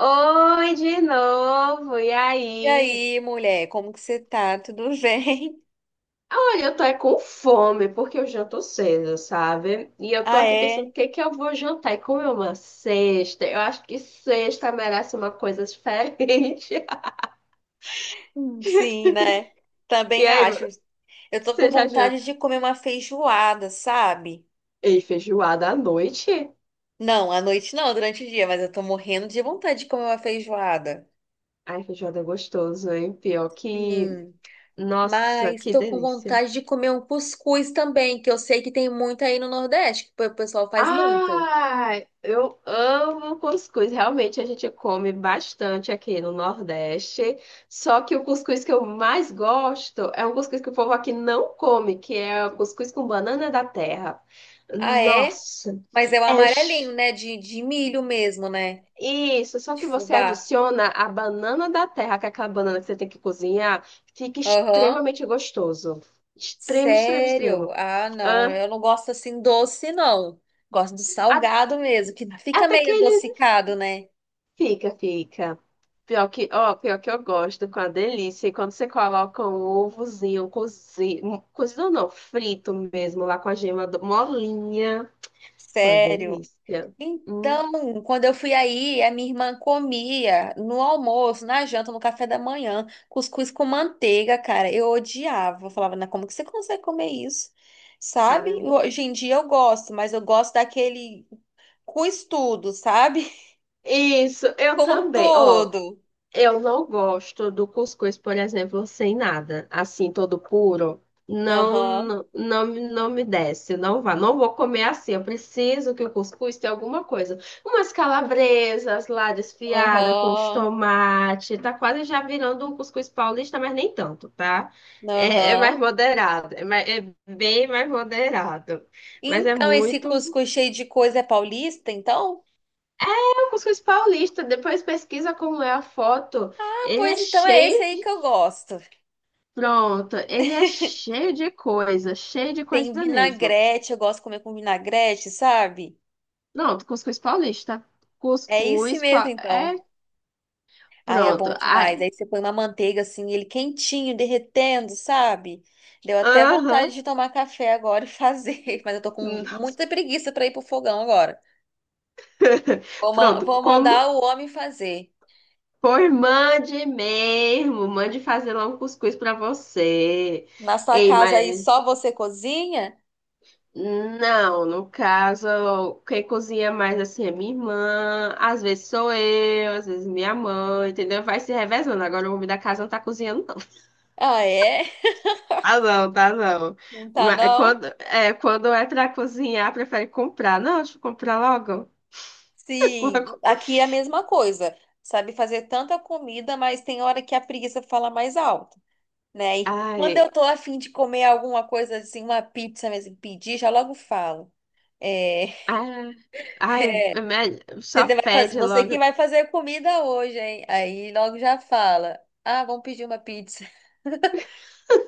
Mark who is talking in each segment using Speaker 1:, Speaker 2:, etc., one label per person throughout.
Speaker 1: Oi, de novo. E
Speaker 2: E
Speaker 1: aí?
Speaker 2: aí, mulher, como que você tá? Tudo bem?
Speaker 1: Olha, eu tô é com fome, porque eu janto cedo, sabe? E eu tô
Speaker 2: Ah,
Speaker 1: aqui pensando
Speaker 2: é?
Speaker 1: o que que eu vou jantar. E como é uma sexta, eu acho que sexta merece uma coisa diferente.
Speaker 2: Sim, né?
Speaker 1: E
Speaker 2: Também
Speaker 1: aí,
Speaker 2: acho.
Speaker 1: mano,
Speaker 2: Eu tô com
Speaker 1: você já jantou?
Speaker 2: vontade de comer uma feijoada, sabe?
Speaker 1: Ei, feijoada à noite?
Speaker 2: Não, à noite não, durante o dia, mas eu tô morrendo de vontade de comer uma feijoada.
Speaker 1: Ai, feijoada é gostoso, hein? Pior que...
Speaker 2: Sim.
Speaker 1: Nossa,
Speaker 2: Mas
Speaker 1: que
Speaker 2: tô com
Speaker 1: delícia.
Speaker 2: vontade de comer um cuscuz também, que eu sei que tem muito aí no Nordeste, que o pessoal faz muito.
Speaker 1: Ah, eu amo cuscuz. Realmente a gente come bastante aqui no Nordeste. Só que o cuscuz que eu mais gosto é um cuscuz que o povo aqui não come, que é o cuscuz com banana da terra.
Speaker 2: Ah, é?
Speaker 1: Nossa,
Speaker 2: Mas é o
Speaker 1: é
Speaker 2: amarelinho,
Speaker 1: ch-
Speaker 2: né? De milho mesmo, né?
Speaker 1: isso. Só
Speaker 2: De
Speaker 1: que você
Speaker 2: fubá.
Speaker 1: adiciona a banana da terra, que é aquela banana que você tem que cozinhar, fica
Speaker 2: Aham.
Speaker 1: extremamente gostoso. Extremo, extremo,
Speaker 2: Sério?
Speaker 1: extremo.
Speaker 2: Ah, não,
Speaker 1: Ah,
Speaker 2: eu não gosto assim doce, não. Gosto do
Speaker 1: a-
Speaker 2: salgado mesmo, que fica
Speaker 1: até que
Speaker 2: meio
Speaker 1: ele
Speaker 2: adocicado, né?
Speaker 1: fica, fica. Pior que, ó, pior que eu gosto com a delícia. E quando você coloca um ovozinho cozido, um, cozido não, frito mesmo, lá com a gema molinha. Com a
Speaker 2: Sério.
Speaker 1: delícia. Hum,
Speaker 2: Então, quando eu fui aí, a minha irmã comia no almoço, na janta, no café da manhã, cuscuz com manteiga, cara. Eu odiava. Eu falava, "Não, como que você consegue comer isso? Sabe?
Speaker 1: ai.
Speaker 2: Hoje em dia eu gosto, mas eu gosto daquele com estudo, sabe?
Speaker 1: Isso, eu
Speaker 2: Com
Speaker 1: também. Ó,
Speaker 2: tudo.
Speaker 1: eu não gosto do cuscuz, por exemplo, sem nada, assim, todo puro. Não,
Speaker 2: Aham,
Speaker 1: não, não, não me desce, não vá. Não vou comer assim. Eu preciso que o cuscuz tenha alguma coisa. Umas calabresas lá desfiada com os
Speaker 2: aham,
Speaker 1: tomates. Tá quase já virando um cuscuz paulista, mas nem tanto, tá? É, é
Speaker 2: aham.
Speaker 1: mais moderado. É bem mais moderado. Mas é
Speaker 2: Então, esse
Speaker 1: muito.
Speaker 2: cuscuz cheio de coisa é paulista, então?
Speaker 1: É o cuscuz paulista. Depois pesquisa como é a foto.
Speaker 2: Ah,
Speaker 1: Ele é
Speaker 2: pois então é
Speaker 1: cheio
Speaker 2: esse aí que eu gosto.
Speaker 1: Pronto, ele é cheio de
Speaker 2: Tem
Speaker 1: coisa mesmo.
Speaker 2: vinagrete, eu gosto de comer com vinagrete, sabe?
Speaker 1: Pronto, cuscuz paulista.
Speaker 2: É esse
Speaker 1: Cuscuz pa...
Speaker 2: mesmo,
Speaker 1: é
Speaker 2: então. Ai, é bom
Speaker 1: pronto.
Speaker 2: demais.
Speaker 1: Ai,
Speaker 2: Aí você põe uma manteiga assim, ele quentinho, derretendo, sabe? Deu até vontade
Speaker 1: aham.
Speaker 2: de tomar café agora e fazer, mas eu tô com
Speaker 1: Hum.
Speaker 2: muita preguiça pra ir pro fogão agora.
Speaker 1: Pronto,
Speaker 2: Vou mandar
Speaker 1: como
Speaker 2: o homem fazer.
Speaker 1: por mande mesmo, mande fazer lá um cuscuz para você.
Speaker 2: Na sua
Speaker 1: Ei,
Speaker 2: casa aí
Speaker 1: mas
Speaker 2: só você cozinha?
Speaker 1: não, no caso, quem cozinha mais assim é minha irmã, às vezes sou eu, às vezes minha mãe, entendeu? Vai se revezando. Agora o homem da casa não tá cozinhando,
Speaker 2: Ah, é?
Speaker 1: tá não, tá não.
Speaker 2: Não tá
Speaker 1: Mas
Speaker 2: não?
Speaker 1: quando é pra cozinhar, prefere comprar. Não, deixa eu comprar logo.
Speaker 2: Sim,
Speaker 1: Logo.
Speaker 2: aqui é a mesma coisa. Sabe fazer tanta comida, mas tem hora que a preguiça fala mais alto, né? E quando
Speaker 1: Ai,
Speaker 2: eu tô afim de comer alguma coisa assim, uma pizza mesmo, pedir, já logo falo. É,
Speaker 1: ai, ai,
Speaker 2: é,
Speaker 1: só
Speaker 2: você vai fazer,
Speaker 1: pede
Speaker 2: você
Speaker 1: logo.
Speaker 2: que vai fazer comida hoje, hein? Aí logo já fala. Ah, vamos pedir uma pizza.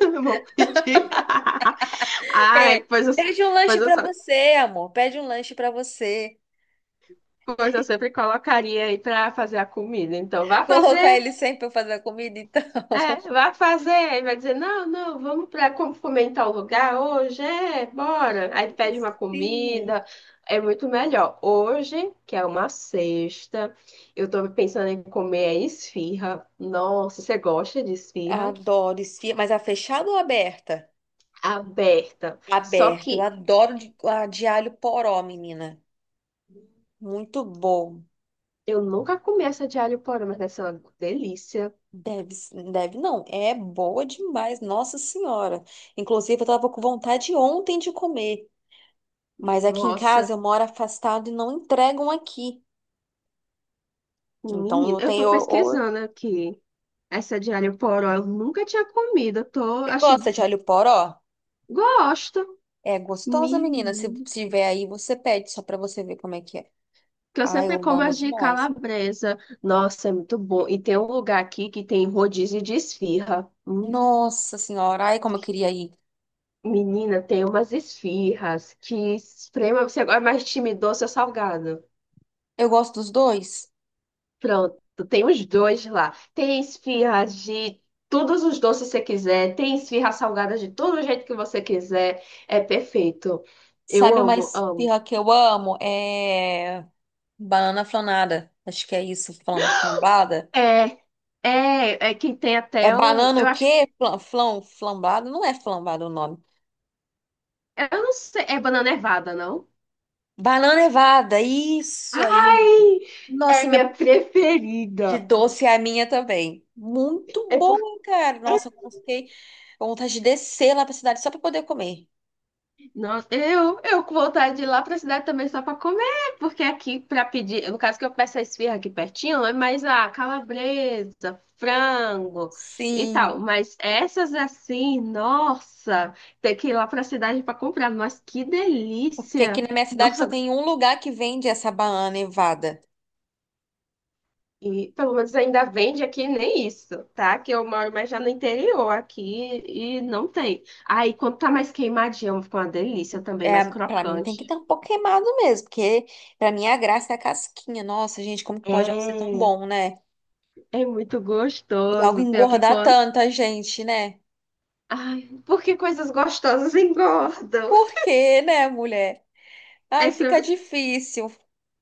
Speaker 1: Eu vou pedir. Ai,
Speaker 2: É, pede um lanche
Speaker 1: pois eu,
Speaker 2: pra
Speaker 1: só,
Speaker 2: você, amor. Pede um lanche pra você.
Speaker 1: pois eu sempre colocaria aí pra fazer a comida. Então, vá
Speaker 2: Colocar
Speaker 1: fazer.
Speaker 2: ele sempre pra fazer a comida, então.
Speaker 1: É, vai fazer, aí vai dizer, não, não, vamos para como fomentar o lugar hoje, é, bora. Aí pede uma
Speaker 2: Sim,
Speaker 1: comida, é muito melhor. Hoje, que é uma sexta, eu tô pensando em comer esfirra. Nossa, você gosta de esfirra?
Speaker 2: adoro esfirra. Mas a fechada ou aberta?
Speaker 1: Aberta. Só
Speaker 2: Aberta. Eu
Speaker 1: que
Speaker 2: adoro a de alho poró, menina. Muito bom.
Speaker 1: eu nunca comi essa de alho poró, mas essa é uma delícia.
Speaker 2: Deve não. É boa demais, Nossa Senhora. Inclusive, eu tava com vontade ontem de comer. Mas aqui em
Speaker 1: Nossa,
Speaker 2: casa eu moro afastado e não entregam aqui. Então eu
Speaker 1: menina, eu tô
Speaker 2: tenho. Ou,
Speaker 1: pesquisando aqui. Essa de alho poró, eu nunca tinha comido, eu tô,
Speaker 2: você
Speaker 1: achei,
Speaker 2: gosta de alho poró?
Speaker 1: gosto.
Speaker 2: É gostosa, menina. Se
Speaker 1: Menino.
Speaker 2: tiver aí, você pede só pra você ver como é que é.
Speaker 1: Que eu
Speaker 2: Ai, eu
Speaker 1: sempre como
Speaker 2: amo
Speaker 1: as de
Speaker 2: demais.
Speaker 1: calabresa. Nossa, é muito bom. E tem um lugar aqui que tem rodízio de esfirra. Hum.
Speaker 2: Nossa Senhora. Ai, como eu queria ir.
Speaker 1: Menina, tem umas esfirras que esprema. Você agora é mais time doce ou salgado?
Speaker 2: Eu gosto dos dois.
Speaker 1: Pronto, tem os dois lá. Tem esfirras de todos os doces que você quiser. Tem esfirra salgada de todo jeito que você quiser. É perfeito. Eu
Speaker 2: Sabe uma
Speaker 1: amo, amo.
Speaker 2: esfirra que eu amo? É banana flanada. Acho que é isso, flambada.
Speaker 1: É, é que tem
Speaker 2: É
Speaker 1: até o.
Speaker 2: banana
Speaker 1: Eu
Speaker 2: o
Speaker 1: acho.
Speaker 2: quê? Flambada? Não é flambada o nome.
Speaker 1: Eu não sei. É banana nevada, não?
Speaker 2: Banana nevada, isso aí, menina.
Speaker 1: Ai, é
Speaker 2: Nossa, e
Speaker 1: minha
Speaker 2: minha de
Speaker 1: preferida.
Speaker 2: doce é a minha também. Muito
Speaker 1: É porque.
Speaker 2: boa, cara. Nossa, eu fiquei com vontade de descer lá pra cidade só pra poder comer.
Speaker 1: Nossa, eu com vontade de ir lá pra cidade também só pra comer. Porque aqui pra pedir. No caso que eu peço a esfirra aqui pertinho, é mais a calabresa, frango e
Speaker 2: Sim,
Speaker 1: tal. Mas essas assim, nossa, tem que ir lá pra cidade pra comprar. Mas que
Speaker 2: porque aqui
Speaker 1: delícia!
Speaker 2: na minha cidade só
Speaker 1: Nossa,
Speaker 2: tem um lugar que vende essa banana nevada.
Speaker 1: e pelo menos ainda vende aqui nem isso, tá? Que eu moro mais já no interior aqui e não tem. Aí quando tá mais queimadinho, fica uma delícia também,
Speaker 2: É,
Speaker 1: mais
Speaker 2: para mim tem que
Speaker 1: crocante.
Speaker 2: estar um pouco queimado mesmo, porque pra mim a graça é a casquinha. Nossa, gente, como que pode algo ser tão
Speaker 1: É,
Speaker 2: bom, né?
Speaker 1: é muito
Speaker 2: E algo
Speaker 1: gostoso. Pior que
Speaker 2: engordar
Speaker 1: quando.
Speaker 2: tanta gente, né?
Speaker 1: Ai, porque coisas gostosas engordam.
Speaker 2: Por quê, né, mulher? Ai, fica
Speaker 1: Essa
Speaker 2: difícil.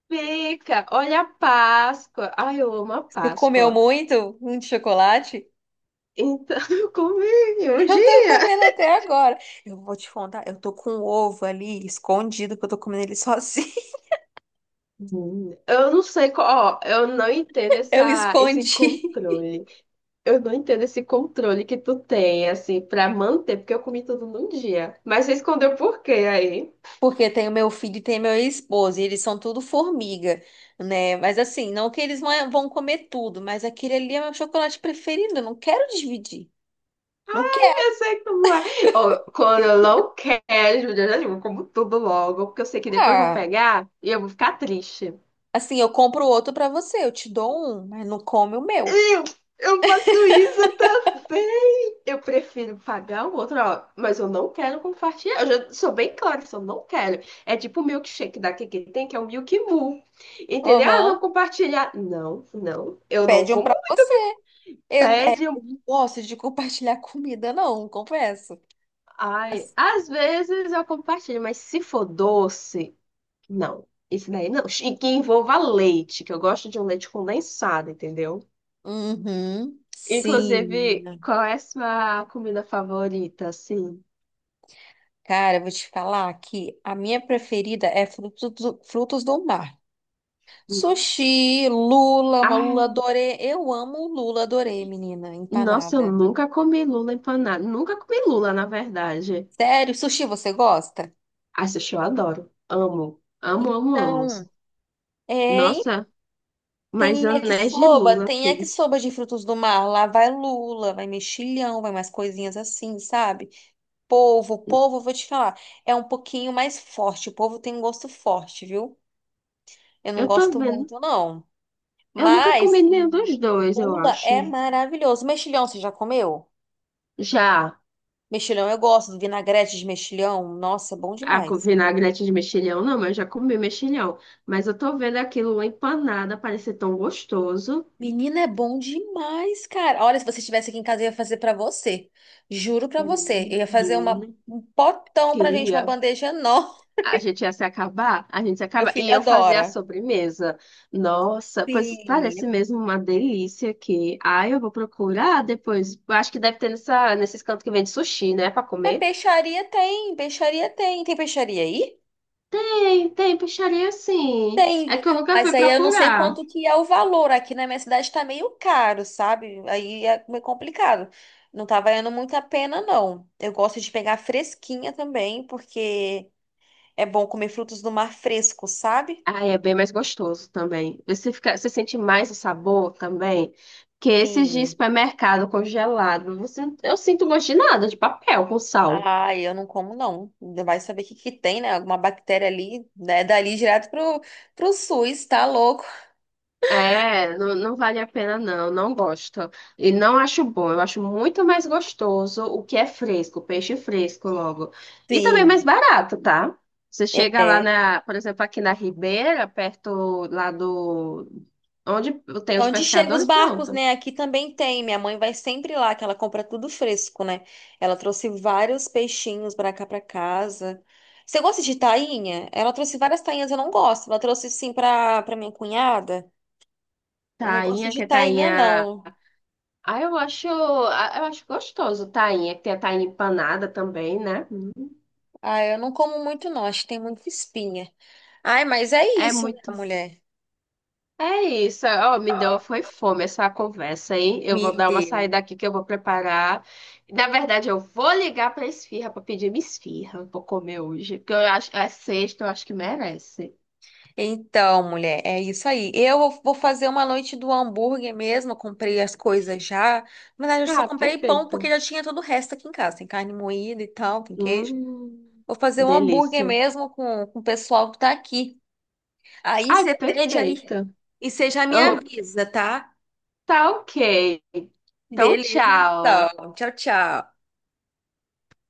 Speaker 1: fica. Olha a Páscoa. Ai, eu amo a
Speaker 2: Você comeu
Speaker 1: Páscoa.
Speaker 2: muito um de chocolate?
Speaker 1: Então, eu comi um
Speaker 2: Eu tô
Speaker 1: dia.
Speaker 2: comendo até agora. Eu vou te contar, eu tô com um ovo ali escondido, que eu tô comendo ele sozinho.
Speaker 1: Hum. Eu não sei qual, ó, eu não entendo
Speaker 2: Eu
Speaker 1: esse
Speaker 2: escondi.
Speaker 1: controle. Eu não entendo esse controle que tu tem, assim, pra manter, porque eu comi tudo num dia. Mas você escondeu por quê aí?
Speaker 2: Porque tem o meu filho e tem meu esposo, e eles são tudo formiga, né? Mas assim, não que eles vão comer tudo, mas aquele ali é meu chocolate preferido, eu não quero dividir. Não
Speaker 1: Eu
Speaker 2: quero.
Speaker 1: sei como é. Ó, quando eu não quero, Júlia, eu já digo, eu como tudo logo, porque eu sei que depois vão
Speaker 2: Ah,
Speaker 1: pegar e eu vou ficar triste.
Speaker 2: assim, eu compro outro pra você, eu te dou um, mas não come o meu.
Speaker 1: Eu, eu faço isso também. Eu prefiro pagar o outro, ó, mas eu não quero compartilhar. Eu já sou bem clara, isso eu não quero. É tipo o milkshake da que tem, que é o Milk Mu. Entendeu? Ah, vamos
Speaker 2: Aham.
Speaker 1: compartilhar. Não, não, eu não
Speaker 2: Pede um
Speaker 1: como
Speaker 2: pra você. Eu, é,
Speaker 1: Pede
Speaker 2: eu
Speaker 1: um.
Speaker 2: não gosto de compartilhar comida, não, confesso.
Speaker 1: Ai,
Speaker 2: Mas-
Speaker 1: às vezes eu compartilho, mas se for doce, não. Isso daí não. E que envolva leite, que eu gosto de um leite condensado, entendeu?
Speaker 2: Uhum. Sim,
Speaker 1: Inclusive,
Speaker 2: menina.
Speaker 1: qual é a sua comida favorita, assim?
Speaker 2: Cara, eu vou te falar que a minha preferida é frutos do mar.
Speaker 1: Hum.
Speaker 2: Sushi, lula, uma
Speaker 1: Ai,
Speaker 2: lula dorê. Eu amo lula dorê, menina,
Speaker 1: nossa, eu
Speaker 2: empanada.
Speaker 1: nunca comi lula empanada. Nunca comi lula, na verdade.
Speaker 2: Sério, sushi você gosta?
Speaker 1: Ai, sushi eu adoro. Amo. Amo, amo, amo.
Speaker 2: Então, é, e
Speaker 1: Nossa, mas anéis de lula
Speaker 2: tem
Speaker 1: aqui.
Speaker 2: yakisoba de frutos do mar. Lá vai lula, vai mexilhão, vai mais coisinhas assim, sabe? Polvo, polvo, eu vou te falar, é um pouquinho mais forte. O polvo tem um gosto forte, viu? Eu não
Speaker 1: Eu tô
Speaker 2: gosto
Speaker 1: vendo.
Speaker 2: muito, não.
Speaker 1: Eu nunca
Speaker 2: Mas
Speaker 1: comi nenhum dos dois, eu
Speaker 2: lula é
Speaker 1: acho.
Speaker 2: maravilhoso. Mexilhão, você já comeu?
Speaker 1: Já
Speaker 2: Mexilhão eu gosto, vinagrete de mexilhão, nossa, é bom demais.
Speaker 1: vinagrete de mexilhão, não, mas eu já comi mexilhão. Mas eu tô vendo aquilo uma empanada parecer tão gostoso.
Speaker 2: Menina, é bom demais, cara. Olha, se você estivesse aqui em casa, eu ia fazer pra você. Juro pra você. Eu ia fazer
Speaker 1: Menina,
Speaker 2: um potão pra gente, uma
Speaker 1: queria.
Speaker 2: bandeja enorme.
Speaker 1: A gente ia se acabar, a gente se
Speaker 2: Meu
Speaker 1: acaba. E
Speaker 2: filho
Speaker 1: eu fazia a
Speaker 2: adora.
Speaker 1: sobremesa. Nossa, pois
Speaker 2: Sim.
Speaker 1: parece mesmo uma delícia aqui. Ai, eu vou procurar depois. Eu acho que deve ter nesses cantos que vende sushi, né, pra
Speaker 2: É,
Speaker 1: comer.
Speaker 2: peixaria tem, peixaria tem. Tem peixaria aí?
Speaker 1: Tem, tem peixaria sim. É
Speaker 2: Tem.
Speaker 1: que eu nunca
Speaker 2: Mas
Speaker 1: fui
Speaker 2: aí eu não sei
Speaker 1: procurar.
Speaker 2: quanto que é o valor. Aqui na minha cidade tá meio caro, sabe? Aí é meio complicado. Não tá valendo muito a pena, não. Eu gosto de pegar fresquinha também, porque é bom comer frutos do mar fresco, sabe?
Speaker 1: Ah, é bem mais gostoso também. Você fica, você sente mais o sabor também que esses de
Speaker 2: Sim.
Speaker 1: supermercado congelado. Você, eu sinto gosto de nada, de papel com sal.
Speaker 2: Ah, eu não como não. Ainda vai saber o que que tem, né? Alguma bactéria ali, né? Dali direto pro SUS, tá louco?
Speaker 1: É, não, não vale a pena não, não gosto. E não acho bom, eu acho muito mais gostoso o que é fresco, peixe fresco logo. E também mais
Speaker 2: Sim.
Speaker 1: barato, tá? Você chega lá
Speaker 2: É.
Speaker 1: na, por exemplo, aqui na Ribeira, perto lá do, onde tem os
Speaker 2: Onde chegam os
Speaker 1: pescadores,
Speaker 2: barcos,
Speaker 1: pronto.
Speaker 2: né? Aqui também tem. Minha mãe vai sempre lá, que ela compra tudo fresco, né? Ela trouxe vários peixinhos pra cá pra casa. Você gosta de tainha? Ela trouxe várias tainhas, eu não gosto. Ela trouxe sim pra minha cunhada. Eu não gosto
Speaker 1: Tainha,
Speaker 2: de
Speaker 1: que é
Speaker 2: tainha,
Speaker 1: tainha
Speaker 2: não.
Speaker 1: Ah, eu acho gostoso, tainha, que tem a tainha empanada também, né?
Speaker 2: Ah, eu não como muito, não. Acho que tem muita espinha. Ai, mas é
Speaker 1: É
Speaker 2: isso,
Speaker 1: muito.
Speaker 2: né, mulher?
Speaker 1: É isso, ó, me deu, foi fome essa conversa, hein? Eu
Speaker 2: Me
Speaker 1: vou dar uma
Speaker 2: deu.
Speaker 1: saída aqui que eu vou preparar. Na verdade, eu vou ligar pra esfirra pra pedir minha esfirra. Eu vou comer hoje, porque eu acho, é sexta, eu acho que merece.
Speaker 2: Então, mulher, é isso aí. Eu vou fazer uma noite do hambúrguer mesmo. Eu comprei as coisas já. Na verdade, eu só
Speaker 1: Ah,
Speaker 2: comprei pão
Speaker 1: perfeito.
Speaker 2: porque já tinha todo o resto aqui em casa. Tem carne moída e tal, tem queijo.
Speaker 1: Hum,
Speaker 2: Vou fazer um hambúrguer
Speaker 1: delícia.
Speaker 2: mesmo com o pessoal que tá aqui. Aí
Speaker 1: Ai,
Speaker 2: você pede aí.
Speaker 1: perfeito.
Speaker 2: E você já me
Speaker 1: Eu,
Speaker 2: avisa, tá?
Speaker 1: tá ok. Então,
Speaker 2: Beleza,
Speaker 1: tchau.
Speaker 2: então. Tchau, tchau.